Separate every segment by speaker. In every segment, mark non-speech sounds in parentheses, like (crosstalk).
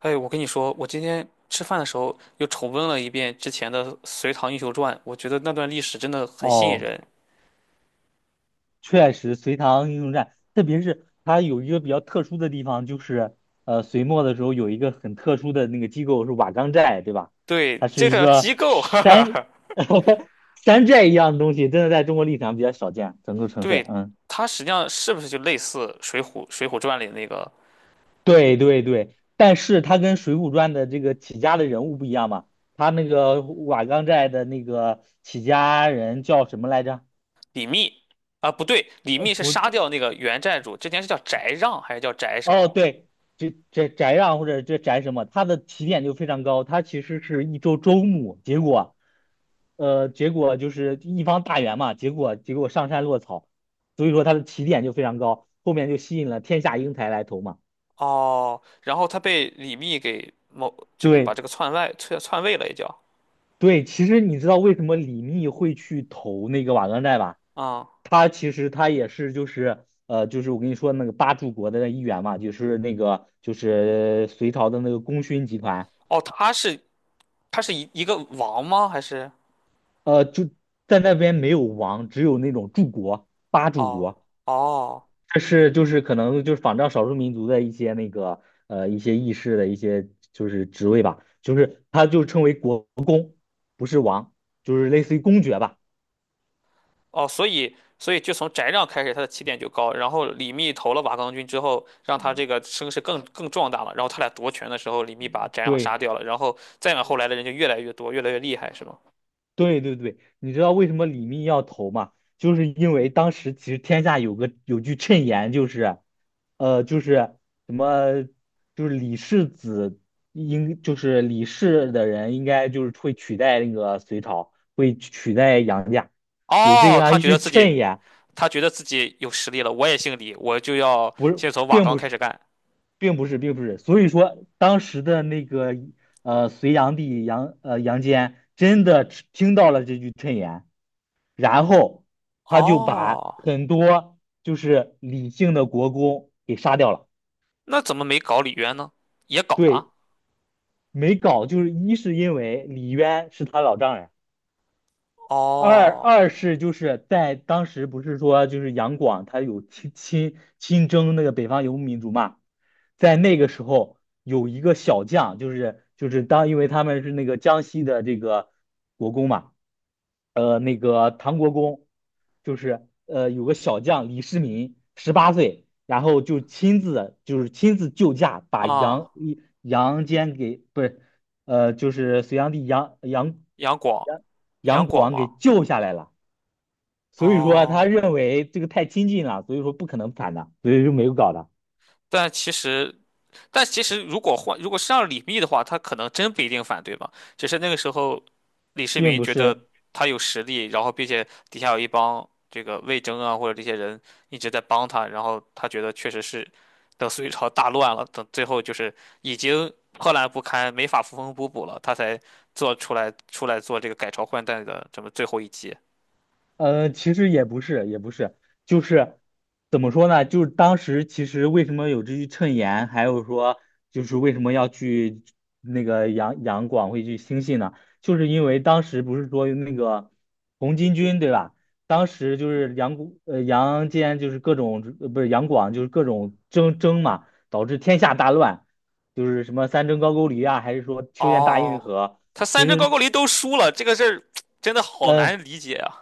Speaker 1: 哎，我跟你说，我今天吃饭的时候又重温了一遍之前的《隋唐英雄传》，我觉得那段历史真的很吸引
Speaker 2: 哦，
Speaker 1: 人。
Speaker 2: 确实，隋唐英雄传，特别是它有一个比较特殊的地方，就是隋末的时候有一个很特殊的那个机构是瓦岗寨，对吧？
Speaker 1: 对，
Speaker 2: 它是
Speaker 1: 这
Speaker 2: 一
Speaker 1: 个
Speaker 2: 个
Speaker 1: 机构，(laughs) 哈
Speaker 2: 山
Speaker 1: 哈，
Speaker 2: (laughs) 山寨一样的东西，真的在中国历史上比较少见，整个城市，
Speaker 1: 对，
Speaker 2: 嗯，
Speaker 1: 它实际上是不是就类似《水浒》《水浒传》里那个
Speaker 2: 对对对。但是它跟《水浒传》的这个起家的人物不一样嘛，他那个瓦岗寨的那个起家人叫什么来着？
Speaker 1: 李密？啊，不对，李
Speaker 2: 呃，
Speaker 1: 密是
Speaker 2: 不。
Speaker 1: 杀掉那个原寨主，之前是叫翟让还是叫翟什么？
Speaker 2: 哦，对，这宅让或者这宅什么，他的起点就非常高，他其实是一周牧，结果就是一方大员嘛，结果上山落草，所以说他的起点就非常高，后面就吸引了天下英才来投嘛。
Speaker 1: 哦，然后他被李密给某这个把
Speaker 2: 对
Speaker 1: 这个篡位了，也叫
Speaker 2: 对，其实你知道为什么李密会去投那个瓦岗寨吧？
Speaker 1: 啊、
Speaker 2: 他其实他也是就是我跟你说那个八柱国的那一员嘛，就是那个就是隋朝的那个功勋集团。
Speaker 1: 哦，他是一个王吗？还是
Speaker 2: 就在那边没有王，只有那种柱国、八柱
Speaker 1: 哦
Speaker 2: 国，
Speaker 1: 哦。
Speaker 2: 这是就是可能就是仿照少数民族的一些那个一些议事的一些就是职位吧，就是他就称为国，不是王，就是类似于公爵吧。
Speaker 1: 哦，所以就从翟让开始，他的起点就高，然后李密投了瓦岗军之后，让他这个声势更壮大了。然后他俩夺权的时候，李密把翟让
Speaker 2: 对。
Speaker 1: 杀掉了，然后再往后来的人就越来越多，越来越厉害，是吗？
Speaker 2: 对对对，你知道为什么李密要投吗？就是因为当时其实天下有句谶言，就是，就是什么，就是李氏子应就是李氏的人应该就是会取代那个隋朝，会取代杨家，有这
Speaker 1: 哦，
Speaker 2: 样
Speaker 1: 他
Speaker 2: 一
Speaker 1: 觉
Speaker 2: 句
Speaker 1: 得自
Speaker 2: 谶
Speaker 1: 己
Speaker 2: 言，
Speaker 1: 他觉得自己有实力了，我也姓李，我就要
Speaker 2: 不是，
Speaker 1: 先从瓦
Speaker 2: 并
Speaker 1: 岗
Speaker 2: 不
Speaker 1: 开
Speaker 2: 是，
Speaker 1: 始干。
Speaker 2: 并不是，并不是，所以说当时的那个隋炀帝杨坚真的听到了这句谶言。然后他就把
Speaker 1: 哦，
Speaker 2: 很多就是李姓的国公给杀掉了。
Speaker 1: 那怎么没搞李渊呢？也搞
Speaker 2: 对，
Speaker 1: 了。
Speaker 2: 没搞，就是一是因为李渊是他老丈人，二
Speaker 1: 哦，
Speaker 2: 二是就是在当时不是说就是杨广他有亲征那个北方游牧民族嘛，在那个时候有一个小将，就是当因为他们是那个江西的这个国公嘛，那个唐国公，就是有个小将李世民十八岁，然后就亲自救驾把
Speaker 1: 啊，
Speaker 2: 杨坚给不是就是隋炀帝杨
Speaker 1: 杨广，
Speaker 2: 广
Speaker 1: 杨广
Speaker 2: 王给
Speaker 1: 吗？
Speaker 2: 救下来了。所以说他
Speaker 1: 哦，
Speaker 2: 认为这个太亲近了，所以说不可能反的，所以就没有搞的，
Speaker 1: 但其实但其实如果换，如果是让李密的话，他可能真不一定反对吧。只是那个时候，李世
Speaker 2: 并
Speaker 1: 民
Speaker 2: 不
Speaker 1: 觉得
Speaker 2: 是。
Speaker 1: 他有实力，然后并且底下有一帮这个魏征啊或者这些人一直在帮他，然后他觉得确实是等隋朝大乱了，等最后就是已经破烂不堪，没法缝缝补补了，他才做出来出来做这个改朝换代的这么最后一击。
Speaker 2: 其实也不是，也不是，就是怎么说呢？就是当时其实为什么有这句谶言，还有说就是为什么要去那个杨广会去兴信呢？就是因为当时不是说那个红巾军对吧？当时就是杨坚就是各种不是杨广就是各种争嘛，导致天下大乱，就是什么三征高句丽啊，还是说修建大运
Speaker 1: 哦，
Speaker 2: 河，
Speaker 1: 他
Speaker 2: 其
Speaker 1: 三征高
Speaker 2: 实。
Speaker 1: 句丽都输了，这个事儿 (tsk) 真的好
Speaker 2: 呃，
Speaker 1: 难理解啊，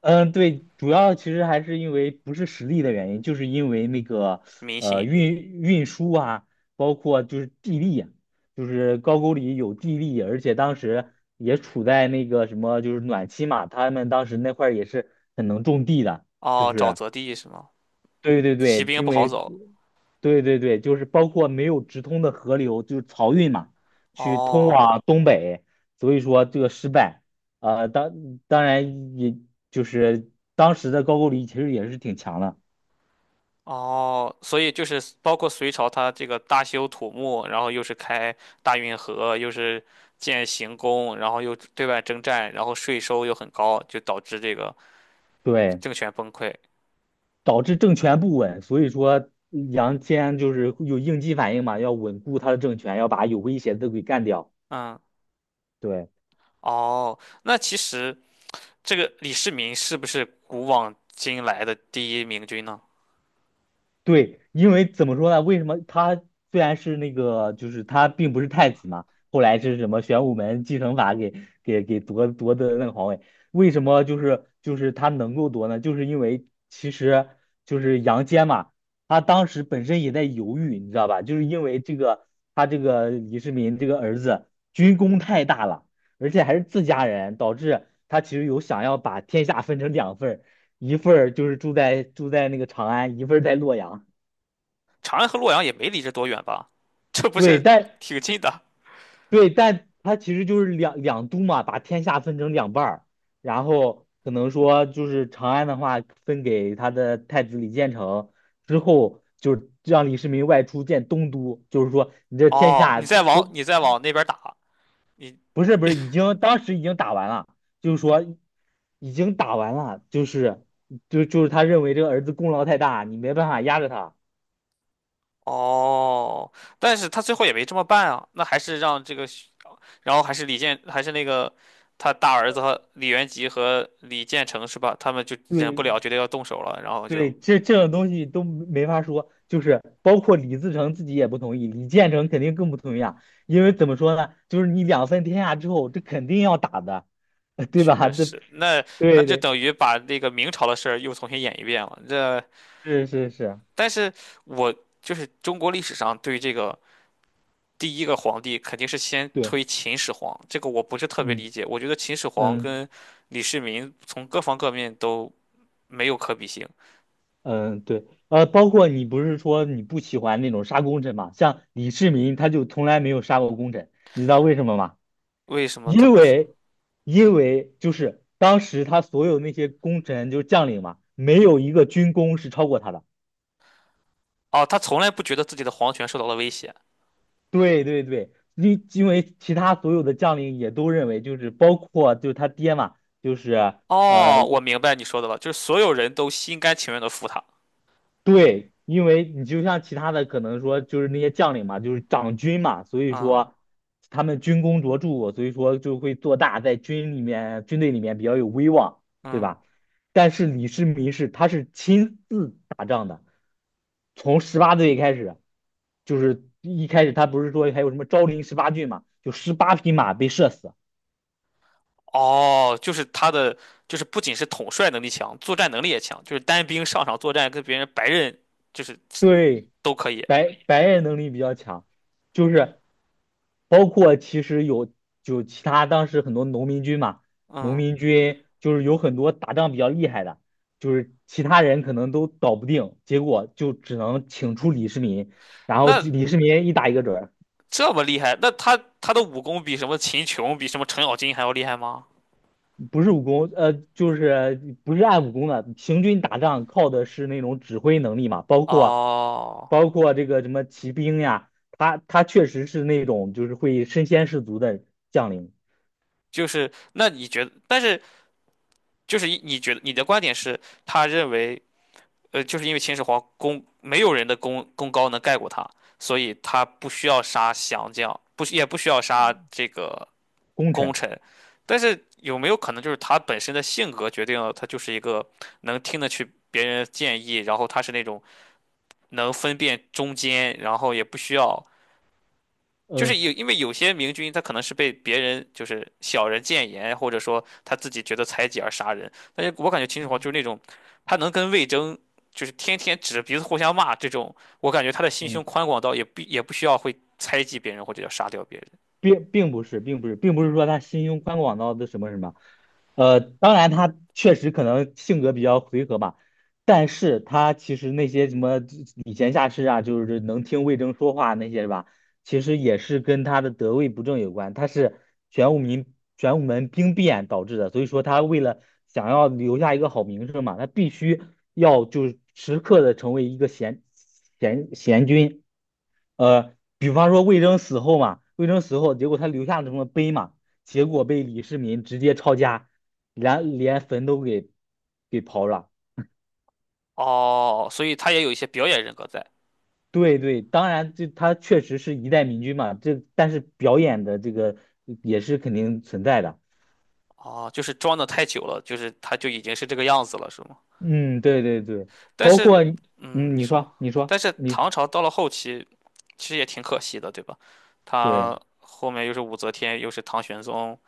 Speaker 2: 嗯，对，主要其实还是因为不是实力的原因，就是因为那个
Speaker 1: 民心。
Speaker 2: 运输啊，包括就是地利啊，就是高句丽有地利，而且当时也处在那个什么就是暖期嘛，他们当时那块儿也是很能种地的，就
Speaker 1: 哦，沼
Speaker 2: 是。
Speaker 1: 泽地是吗？
Speaker 2: 对对
Speaker 1: 骑
Speaker 2: 对，
Speaker 1: 兵
Speaker 2: 因
Speaker 1: 不好
Speaker 2: 为
Speaker 1: 走。
Speaker 2: 对对对，就是包括没有直通的河流，就是漕运嘛，去通
Speaker 1: 哦
Speaker 2: 往东北，所以说这个失败。呃，当当然也就是当时的高句丽其实也是挺强的，
Speaker 1: 哦，所以就是包括隋朝，它这个大修土木，然后又是开大运河，又是建行宫，然后又对外征战，然后税收又很高，就导致这个
Speaker 2: 对，
Speaker 1: 政权崩溃。
Speaker 2: 导致政权不稳，所以说杨坚就是有应激反应嘛，要稳固他的政权，要把有威胁的给干掉。
Speaker 1: 嗯，
Speaker 2: 对。
Speaker 1: 哦，那其实这个李世民是不是古往今来的第一明君呢？
Speaker 2: 对，因为怎么说呢？为什么他虽然是那个，就是他并不是太子嘛，后来是什么玄武门继承法给夺得那个皇位？为什么就是他能够夺呢？就是因为其实就是杨坚嘛，他当时本身也在犹豫，你知道吧？就是因为这个他这个李世民这个儿子军功太大了，而且还是自家人，导致他其实有想要把天下分成两份儿。一份儿就是住在那个长安，一份儿在洛阳。
Speaker 1: 长安和洛阳也没离着多远吧？(laughs) 这不
Speaker 2: 对，
Speaker 1: 是
Speaker 2: 但
Speaker 1: 挺近的？
Speaker 2: 他其实就是两都嘛，把天下分成两半儿，然后可能说就是长安的话分给他的太子李建成，之后就是让李世民外出建东都，就是说你这天
Speaker 1: 哦，你
Speaker 2: 下
Speaker 1: 再往
Speaker 2: 都
Speaker 1: 你再往那边打，你
Speaker 2: 不是，不是已经，当时已经打完了，就是说已经打完了，就是他认为这个儿子功劳太大，你没办法压着他，
Speaker 1: 哦，但是他最后也没这么办啊，那还是让这个徐然后还是李建，还是那个他大儿子和李元吉和李建成是吧？他们就忍
Speaker 2: 对
Speaker 1: 不了，觉得要动手了，然后
Speaker 2: 对，
Speaker 1: 就
Speaker 2: 这种东西都没法说，就是包括李自成自己也不同意，李建成肯定更不同意啊，因为怎么说呢，就是你两分天下之后，这肯定要打的，(laughs) 对吧？
Speaker 1: 确
Speaker 2: 对
Speaker 1: 实，那
Speaker 2: 对
Speaker 1: 就
Speaker 2: 对，
Speaker 1: 等于把那个明朝的事儿又重新演一遍了。这，
Speaker 2: 是是是，
Speaker 1: 但是我就是中国历史上对这个第一个皇帝肯定是先推
Speaker 2: 对，
Speaker 1: 秦始皇，这个我不是特别理
Speaker 2: 嗯
Speaker 1: 解，我觉得秦始皇
Speaker 2: 嗯
Speaker 1: 跟李世民从各方各面都没有可比性。
Speaker 2: 嗯，对，包括你不是说你不喜欢那种杀功臣嘛，像李世民他就从来没有杀过功臣，你知道为什么吗？
Speaker 1: 为什么他
Speaker 2: 因
Speaker 1: 不是？
Speaker 2: 为，因为就是当时他所有那些功臣就是将领嘛，没有一个军功是超过他的。
Speaker 1: 哦，他从来不觉得自己的皇权受到了威胁。
Speaker 2: 对对对，因为其他所有的将领也都认为，就是包括就是他爹嘛，就是呃
Speaker 1: 哦，我明白你说的了，就是所有人都心甘情愿的服他。
Speaker 2: 对，因为你就像其他的可能说就是那些将领嘛，就是长军嘛，所以
Speaker 1: 啊，
Speaker 2: 说他们军功卓著，所以说就会做大，在军里面军队里面比较有威望，对
Speaker 1: 嗯，
Speaker 2: 吧？但是李世民是亲自打仗的。从十八岁开始，就是一开始他不是说还有什么昭陵十八骏嘛，就18匹马被射死。
Speaker 1: 哦，就是他的，就是不仅是统帅能力强，作战能力也强，就是单兵上场作战跟别人白刃就是
Speaker 2: 对，
Speaker 1: 都可以。
Speaker 2: 白人能力比较强，就是包括其实有就其他当时很多农民军嘛，农
Speaker 1: 嗯，
Speaker 2: 民军就是有很多打仗比较厉害的，就是其他人可能都搞不定，结果就只能请出李世民，然后就
Speaker 1: 那
Speaker 2: 李世民一打一个准儿。
Speaker 1: 这么厉害，那他的武功比什么秦琼，比什么程咬金还要厉害吗？
Speaker 2: 不是武功，就是不是按武功的。行军打仗靠的是那种指挥能力嘛，包括
Speaker 1: 哦，
Speaker 2: 这个什么骑兵呀，他确实是那种就是会身先士卒的将领
Speaker 1: 就是那你觉得，但是就是你觉得你的观点是，他认为。就是因为秦始皇功没有人的功高能盖过他，所以他不需要杀降将，不需要杀这个
Speaker 2: 功
Speaker 1: 功
Speaker 2: 臣。
Speaker 1: 臣。但是有没有可能就是他本身的性格决定了他就是一个能听得去别人的建议，然后他是那种能分辨忠奸，然后也不需要就是
Speaker 2: 嗯
Speaker 1: 有，因为有些明君他可能是被别人就是小人谏言，或者说他自己觉得猜忌而杀人。但是我感觉秦始皇就是那种，他能跟魏征就是天天指着鼻子互相骂这种，我感觉他的心胸
Speaker 2: 嗯，
Speaker 1: 宽广到也不需要会猜忌别人或者要杀掉别人。
Speaker 2: 并不是，并不是，并不是说他心胸宽广到的什么什么，当然他确实可能性格比较回合吧，但是他其实那些什么礼贤下士啊，就是能听魏征说话那些是吧，其实也是跟他的得位不正有关，他是玄武门玄武门兵变导致的，所以说他为了想要留下一个好名声嘛，他必须要就是时刻的成为一个贤君。比方说魏征死后嘛，魏征死后，结果他留下了什么碑嘛，结果被李世民直接抄家，连坟都给刨了。
Speaker 1: 哦，所以他也有一些表演人格在。
Speaker 2: 对对，当然这他确实是一代明君嘛，这但是表演的这个也是肯定存在的。
Speaker 1: 哦，就是装的太久了，就是他就已经是这个样子了，是吗？
Speaker 2: 嗯，对对对，
Speaker 1: 但
Speaker 2: 包
Speaker 1: 是，
Speaker 2: 括你。
Speaker 1: 嗯，
Speaker 2: 嗯，
Speaker 1: 你
Speaker 2: 你
Speaker 1: 说，
Speaker 2: 说你说
Speaker 1: 但是
Speaker 2: 你
Speaker 1: 唐朝到了后期，其实也挺可惜的，对吧？
Speaker 2: 对，
Speaker 1: 他后面又是武则天，又是唐玄宗，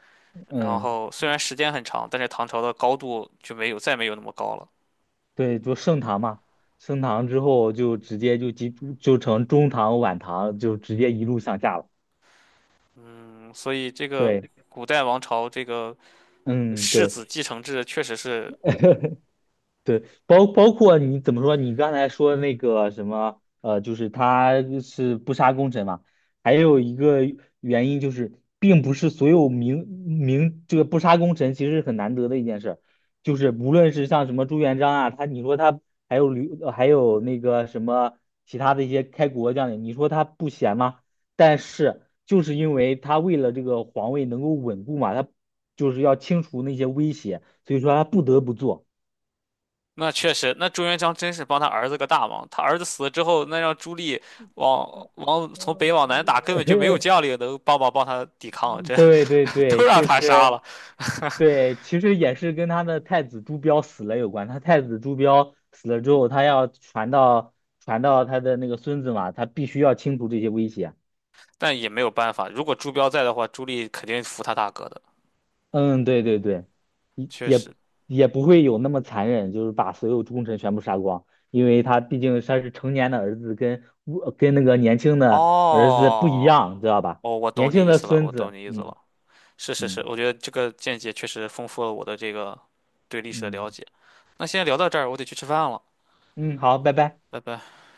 Speaker 1: 然
Speaker 2: 嗯，
Speaker 1: 后虽然时间很长，但是唐朝的高度就没有再没有那么高了。
Speaker 2: 对，就盛唐嘛，盛唐之后就直接就成中唐晚唐，就直接一路向下了。
Speaker 1: 嗯，所以这个
Speaker 2: 对。
Speaker 1: 古代王朝这个
Speaker 2: 嗯，
Speaker 1: 世
Speaker 2: 对，
Speaker 1: 子继承制确实是，
Speaker 2: (laughs) 对，包括你怎么说？你刚才说那个什么，就是他是不杀功臣嘛，还有一个原因就是，并不是所有这个不杀功臣其实是很难得的一件事儿，就是无论是像什么朱元璋啊，他你说他还有吕，还有那个什么其他的一些开国将领，你说他不贤吗？但是就是因为他为了这个皇位能够稳固嘛，他就是要清除那些威胁，所以说他不得不做。
Speaker 1: 那确实，那朱元璋真是帮他儿子个大忙。他儿子死了之后，那让朱棣从北往
Speaker 2: (laughs)
Speaker 1: 南打，根本就没有将领能帮忙帮他抵抗，这
Speaker 2: 对对
Speaker 1: (laughs) 都
Speaker 2: 对，
Speaker 1: 让
Speaker 2: 就
Speaker 1: 他杀
Speaker 2: 是
Speaker 1: 了。(laughs)
Speaker 2: 对，其实也是跟他的太子朱标死了有关。他太子朱标死了之后，他要传到他的那个孙子嘛，他必须要清除这些威胁。
Speaker 1: 但也没有办法，如果朱标在的话，朱莉肯定服他大哥的，
Speaker 2: 嗯，对对对，也
Speaker 1: 确实。
Speaker 2: 也也不会有那么残忍，就是把所有忠臣全部杀光，因为他毕竟他是成年的儿子跟，我跟那个年轻的儿子不一
Speaker 1: 哦，
Speaker 2: 样，知道吧？
Speaker 1: 哦，我
Speaker 2: 年
Speaker 1: 懂你
Speaker 2: 轻
Speaker 1: 意
Speaker 2: 的
Speaker 1: 思了，我
Speaker 2: 孙
Speaker 1: 懂
Speaker 2: 子，
Speaker 1: 你意思
Speaker 2: 嗯
Speaker 1: 了。是是是，
Speaker 2: 嗯
Speaker 1: 我觉得这个见解确实丰富了我的这个对历史的
Speaker 2: 嗯
Speaker 1: 了解。那先聊到这儿，我得去吃饭了，
Speaker 2: 嗯，好，拜拜。
Speaker 1: 拜拜。